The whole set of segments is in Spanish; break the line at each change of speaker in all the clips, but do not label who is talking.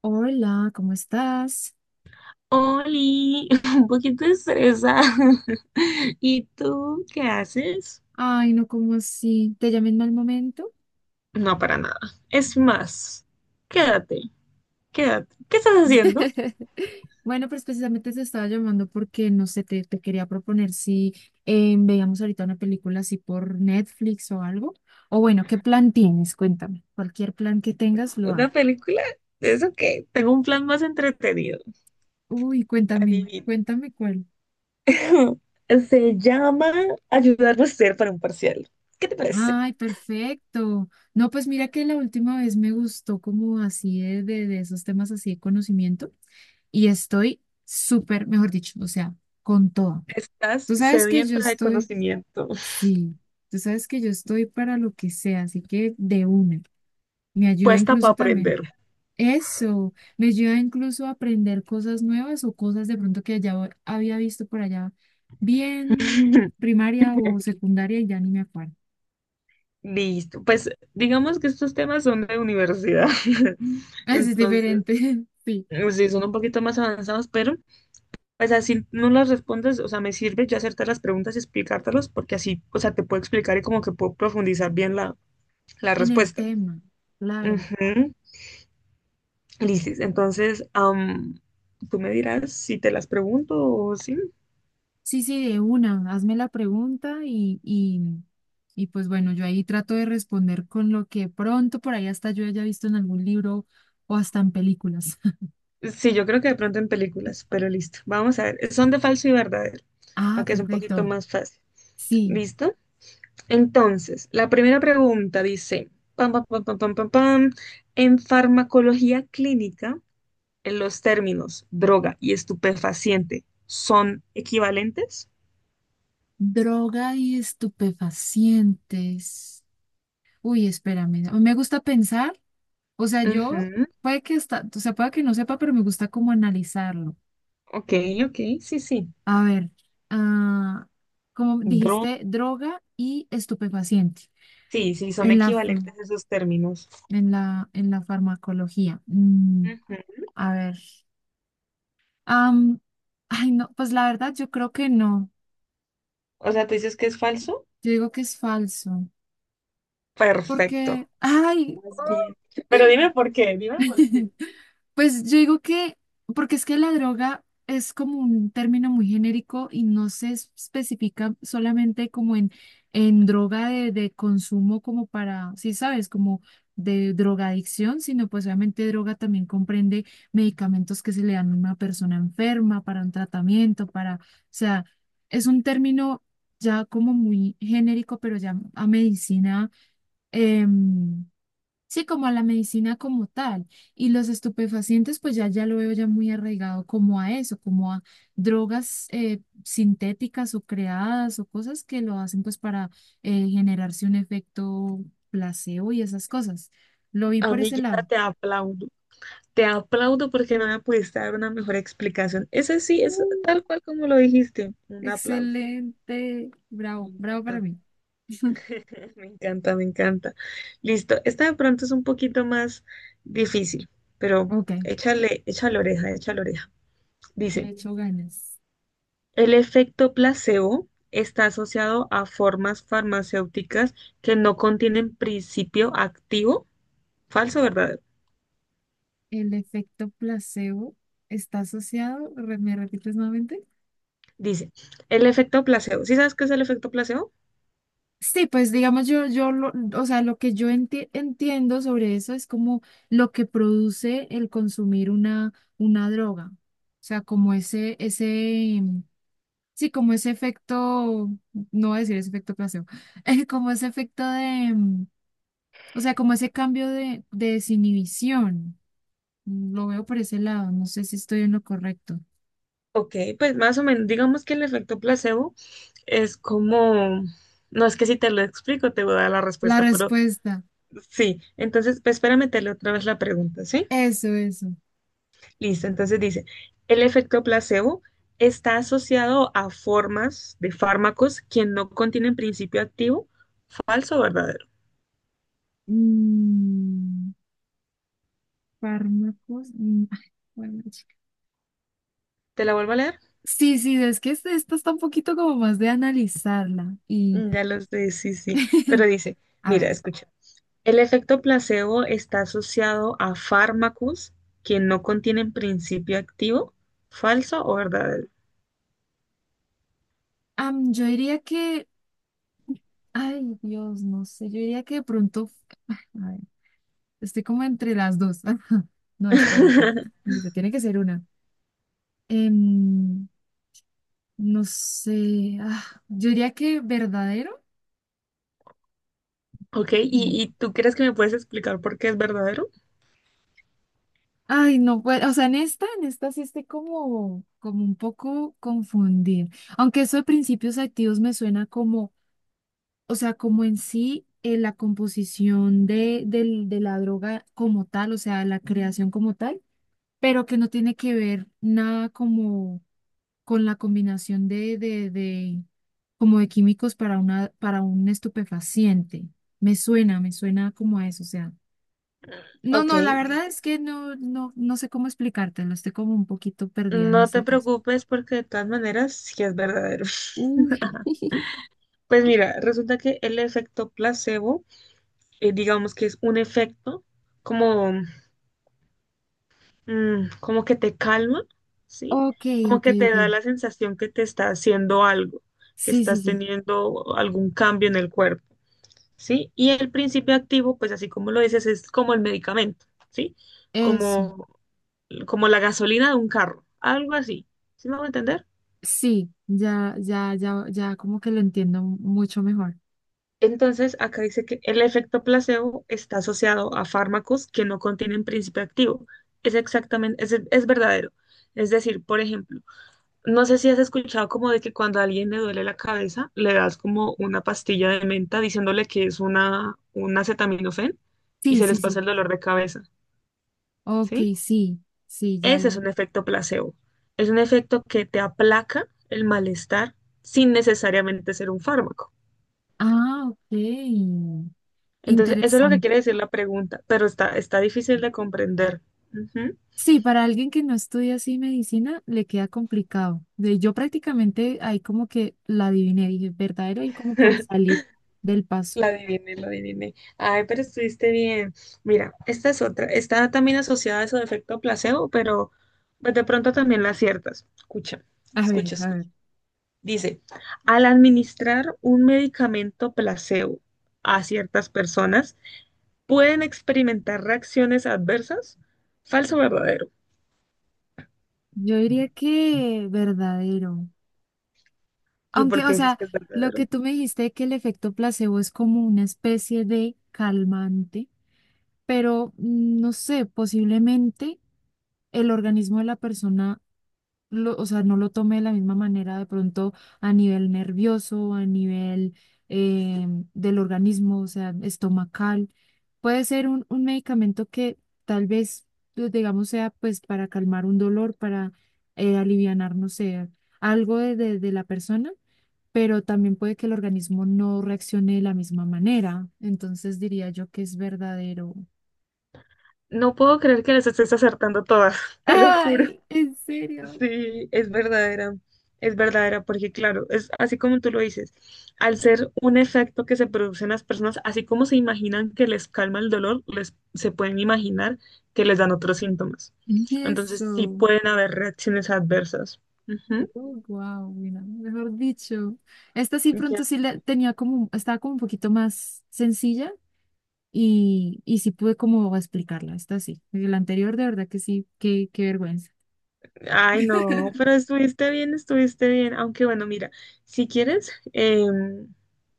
Hola, ¿cómo estás?
Oli, un poquito estresada. ¿Y tú qué haces?
Ay, no, ¿cómo así? ¿Te llamé en mal momento?
No, para nada. Es más, quédate, quédate. ¿Qué estás haciendo?
Bueno, pues precisamente te estaba llamando porque, no sé, te quería proponer si veíamos ahorita una película así por Netflix o algo. O bueno, ¿qué plan tienes? Cuéntame. Cualquier plan que tengas, lo hago.
¿Una película? ¿Eso qué? Tengo un plan más entretenido.
Uy, cuéntame,
Adivina.
cuéntame cuál.
Se llama ayudar a ser para un parcial. ¿Qué te parece?
Ay, perfecto. No, pues mira que la última vez me gustó como así de esos temas así de conocimiento, y estoy súper, mejor dicho, o sea, con todo.
Estás
Tú sabes que yo
sedienta de
estoy,
conocimiento.
sí, tú sabes que yo estoy para lo que sea, así que de una. Me ayuda
Puesta para
incluso también.
aprender.
Eso, me ayuda incluso a aprender cosas nuevas o cosas de pronto que ya había visto por allá, bien primaria o secundaria y ya ni me acuerdo.
Listo, pues digamos que estos temas son de universidad.
Es
Entonces,
diferente, sí,
sí, son un poquito más avanzados, pero, o sea, si no las respondes, o sea, me sirve yo hacerte las preguntas y explicártelas, porque así, o sea, te puedo explicar y como que puedo profundizar bien la, la
en el
respuesta.
tema, claro.
Ujú. Lisis, entonces, tú me dirás si te las pregunto o sí.
Sí, sí, de una, hazme la pregunta, y pues bueno, yo ahí trato de responder con lo que pronto por ahí hasta yo haya visto en algún libro o hasta en películas.
Sí, yo creo que de pronto en películas, pero listo. Vamos a ver, son de falso y verdadero, para
Ah,
que es un poquito
perfecto.
más fácil.
Sí,
¿Listo? Entonces, la primera pregunta dice, pam, pam, pam, pam, pam, pam, pam, en farmacología clínica, ¿los términos droga y estupefaciente son equivalentes?
droga y estupefacientes. Uy, espérame, a mí me gusta pensar, o sea, yo
Ujú.
puede que hasta, o sea, puede que no sepa, pero me gusta como analizarlo.
Ok, ok, sí, sí.
A ver, ah, como
Dro-
dijiste, droga y estupefaciente.
sí, sí, son
El AFA
equivalentes esos términos.
en la farmacología. Mm,
Ujú.
a ver. Am, ay, no, pues la verdad yo creo que no.
O sea, ¿tú dices que es falso?
Yo digo que es falso. Porque,
Perfecto.
ay.
Estás bien. Pero dime por qué, dime por qué.
Pues yo digo que, porque es que la droga es como un término muy genérico y no se especifica solamente como en droga de consumo como para, sí sabes, como de drogadicción, sino pues obviamente droga también comprende medicamentos que se le dan a una persona enferma para un tratamiento, para, o sea, es un término ya como muy genérico, pero ya a medicina. em, Sí, como a la medicina como tal. Y los estupefacientes, pues ya, ya lo veo ya muy arraigado como a eso, como a drogas sintéticas o creadas o cosas que lo hacen pues para generarse un efecto placebo y esas cosas. Lo vi por ese
Amiguita,
lado.
te aplaudo. Te aplaudo porque no me pudiste dar una mejor explicación. Ese sí, es tal
Mm,
cual como lo dijiste. Un aplauso.
excelente.
Me
Bravo, bravo para
encanta.
mí.
Me encanta, me encanta. Listo. Esta de pronto es un poquito más difícil, pero
Ok,
échale, échale oreja, échale oreja.
le
Dice,
echo ganas.
el efecto placebo está asociado a formas farmacéuticas que no contienen principio activo, ¿falso o verdadero?
El efecto placebo está asociado, ¿me repites nuevamente?
Dice, el efecto placebo. ¿Sí sabes qué es el efecto placebo?
Sí, pues digamos yo, yo lo, o sea, lo que yo entiendo sobre eso es como lo que produce el consumir una droga. O sea, como ese, sí, como ese efecto, no voy a decir ese efecto placebo, como ese efecto de, o sea, como ese cambio de desinhibición. Lo veo por ese lado, no sé si estoy en lo correcto.
Ok, pues más o menos, digamos que el efecto placebo es como, no es que si te lo explico te voy a dar la
La
respuesta, pero
respuesta,
sí. Entonces, pues espera meterle otra vez la pregunta, ¿sí?
eso, eso.
Listo, entonces dice, el efecto placebo está asociado a formas de fármacos que no contienen principio activo, ¿falso o verdadero?
Mm, fármacos. Bueno.
¿Te la vuelvo a leer?
Sí, sí, es que esta está un poquito como más de analizarla. Y
Mm, ya lo sé, sí, sí, pero dice,
a ver,
mira, escucha, el efecto placebo está asociado a fármacos que no contienen principio activo, ¿falso o verdadero?
yo diría que, ay Dios, no sé, yo diría que de pronto, a ver, estoy como entre las dos. No, espérate, te tiene que ser una. Em, no sé, yo diría que verdadero.
Ok,
Mm.
y tú crees que me puedes explicar por qué es verdadero?
Ay, no, pues, o sea, en esta sí estoy como, como un poco confundida. Aunque eso de principios activos me suena, o sea, como en sí, la composición de, de la droga como tal, o sea, la creación como tal, pero que no tiene que ver nada como con la combinación de, como de químicos para una, para un estupefaciente. Me suena como a eso, o sea. No,
Ok,
no, la verdad es que no, no, no sé cómo explicártelo, estoy como un poquito perdida en
no te
ese caso.
preocupes porque de todas maneras sí es verdadero.
Uy,
Pues mira, resulta que el efecto placebo, digamos que es un efecto como, como que te calma, ¿sí?
ok,
Como
ok,
que te
ok.
da la sensación que te está haciendo algo, que
Sí, sí,
estás
sí.
teniendo algún cambio en el cuerpo, ¿sí? Y el principio activo, pues así como lo dices, es como el medicamento, ¿sí?
Eso.
Como, como la gasolina de un carro, algo así, ¿sí me a entender?
Sí, ya, ya, ya, ya como que lo entiendo mucho mejor.
Entonces, acá dice que el efecto placebo está asociado a fármacos que no contienen principio activo. Es exactamente, es verdadero. Es decir, por ejemplo, no sé si has escuchado como de que cuando a alguien le duele la cabeza, le das como una pastilla de menta diciéndole que es una, un acetaminofén y
Sí,
se
sí,
les pasa
sí.
el dolor de cabeza,
Ok,
¿sí?
sí, sí, ya
Ese es
le.
un efecto placebo. Es un efecto que te aplaca el malestar sin necesariamente ser un fármaco.
Ah, ok.
Entonces, eso es lo que
Interesante.
quiere decir la pregunta, pero está, está difícil de comprender. Ujú.
Sí, para alguien que no estudia así medicina, le queda complicado. De- Yo prácticamente ahí como que la adiviné, dije, verdadero y como por salir del paso.
La adiviné, la adiviné. Ay, pero estuviste bien. Mira, esta es otra. Está también asociada a eso de efecto placebo, pero pues de pronto también la aciertas. Escucha,
A ver,
escucha,
a ver.
escucha. Dice, al administrar un medicamento placebo a ciertas personas, pueden experimentar reacciones adversas. ¿Falso o verdadero?
Yo diría que verdadero.
¿Y por
Aunque, o
qué dices
sea,
que es
lo
verdadero?
que tú me dijiste que el efecto placebo es como una especie de calmante, pero no sé, posiblemente el organismo de la persona, o sea, no lo tome de la misma manera de pronto a nivel nervioso, a nivel eh, del organismo, o sea, estomacal. Puede ser un medicamento que tal vez, pues, digamos, sea pues para calmar un dolor, para alivianar, no sé, algo de, de la persona, pero también puede que el organismo no reaccione de la misma manera. Entonces diría yo que es verdadero.
No puedo creer que las estés acertando todas, te lo juro.
Ay, en serio.
Sí, es verdadera, porque claro, es así como tú lo dices, al ser un efecto que se produce en las personas, así como se imaginan que les calma el dolor, les, se pueden imaginar que les dan otros síntomas. Entonces sí
Eso.
pueden haber reacciones adversas. Ujú.
Oh, wow, mira, mejor dicho. Esta sí
Ya.
pronto sí la tenía como, estaba como un poquito más sencilla y sí pude como explicarla. Esta sí. La anterior de verdad que sí, qué, qué vergüenza.
Ay, no, pero estuviste bien, estuviste bien. Aunque bueno, mira, si quieres,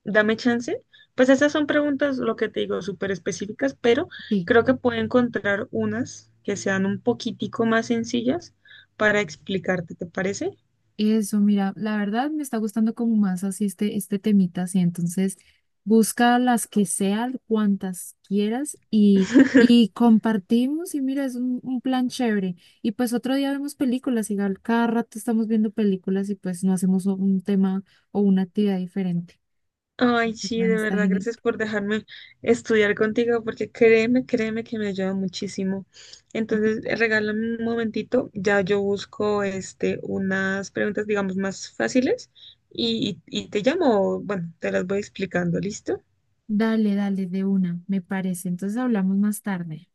dame chance. Pues esas son preguntas, lo que te digo, súper específicas, pero
Sí.
creo que puedo encontrar unas que sean un poquitico más sencillas para explicarte, ¿te parece?
Eso, mira, la verdad me está gustando como más así este, este temita, así entonces busca las que sean, cuantas quieras y compartimos y mira, es un plan chévere. Y pues otro día vemos películas, y cada rato estamos viendo películas y pues no hacemos un tema o una actividad diferente.
Ay,
El
sí,
plan
de
está
verdad,
genial.
gracias por dejarme estudiar contigo, porque créeme, créeme que me ayuda muchísimo. Entonces, regálame un momentito, ya yo busco este, unas preguntas, digamos, más fáciles y, y te llamo, bueno, te las voy explicando, ¿listo?
Dale, dale, de una, me parece. Entonces hablamos más tarde.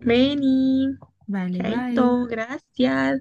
Meni,
Vale, bye.
chaito, gracias.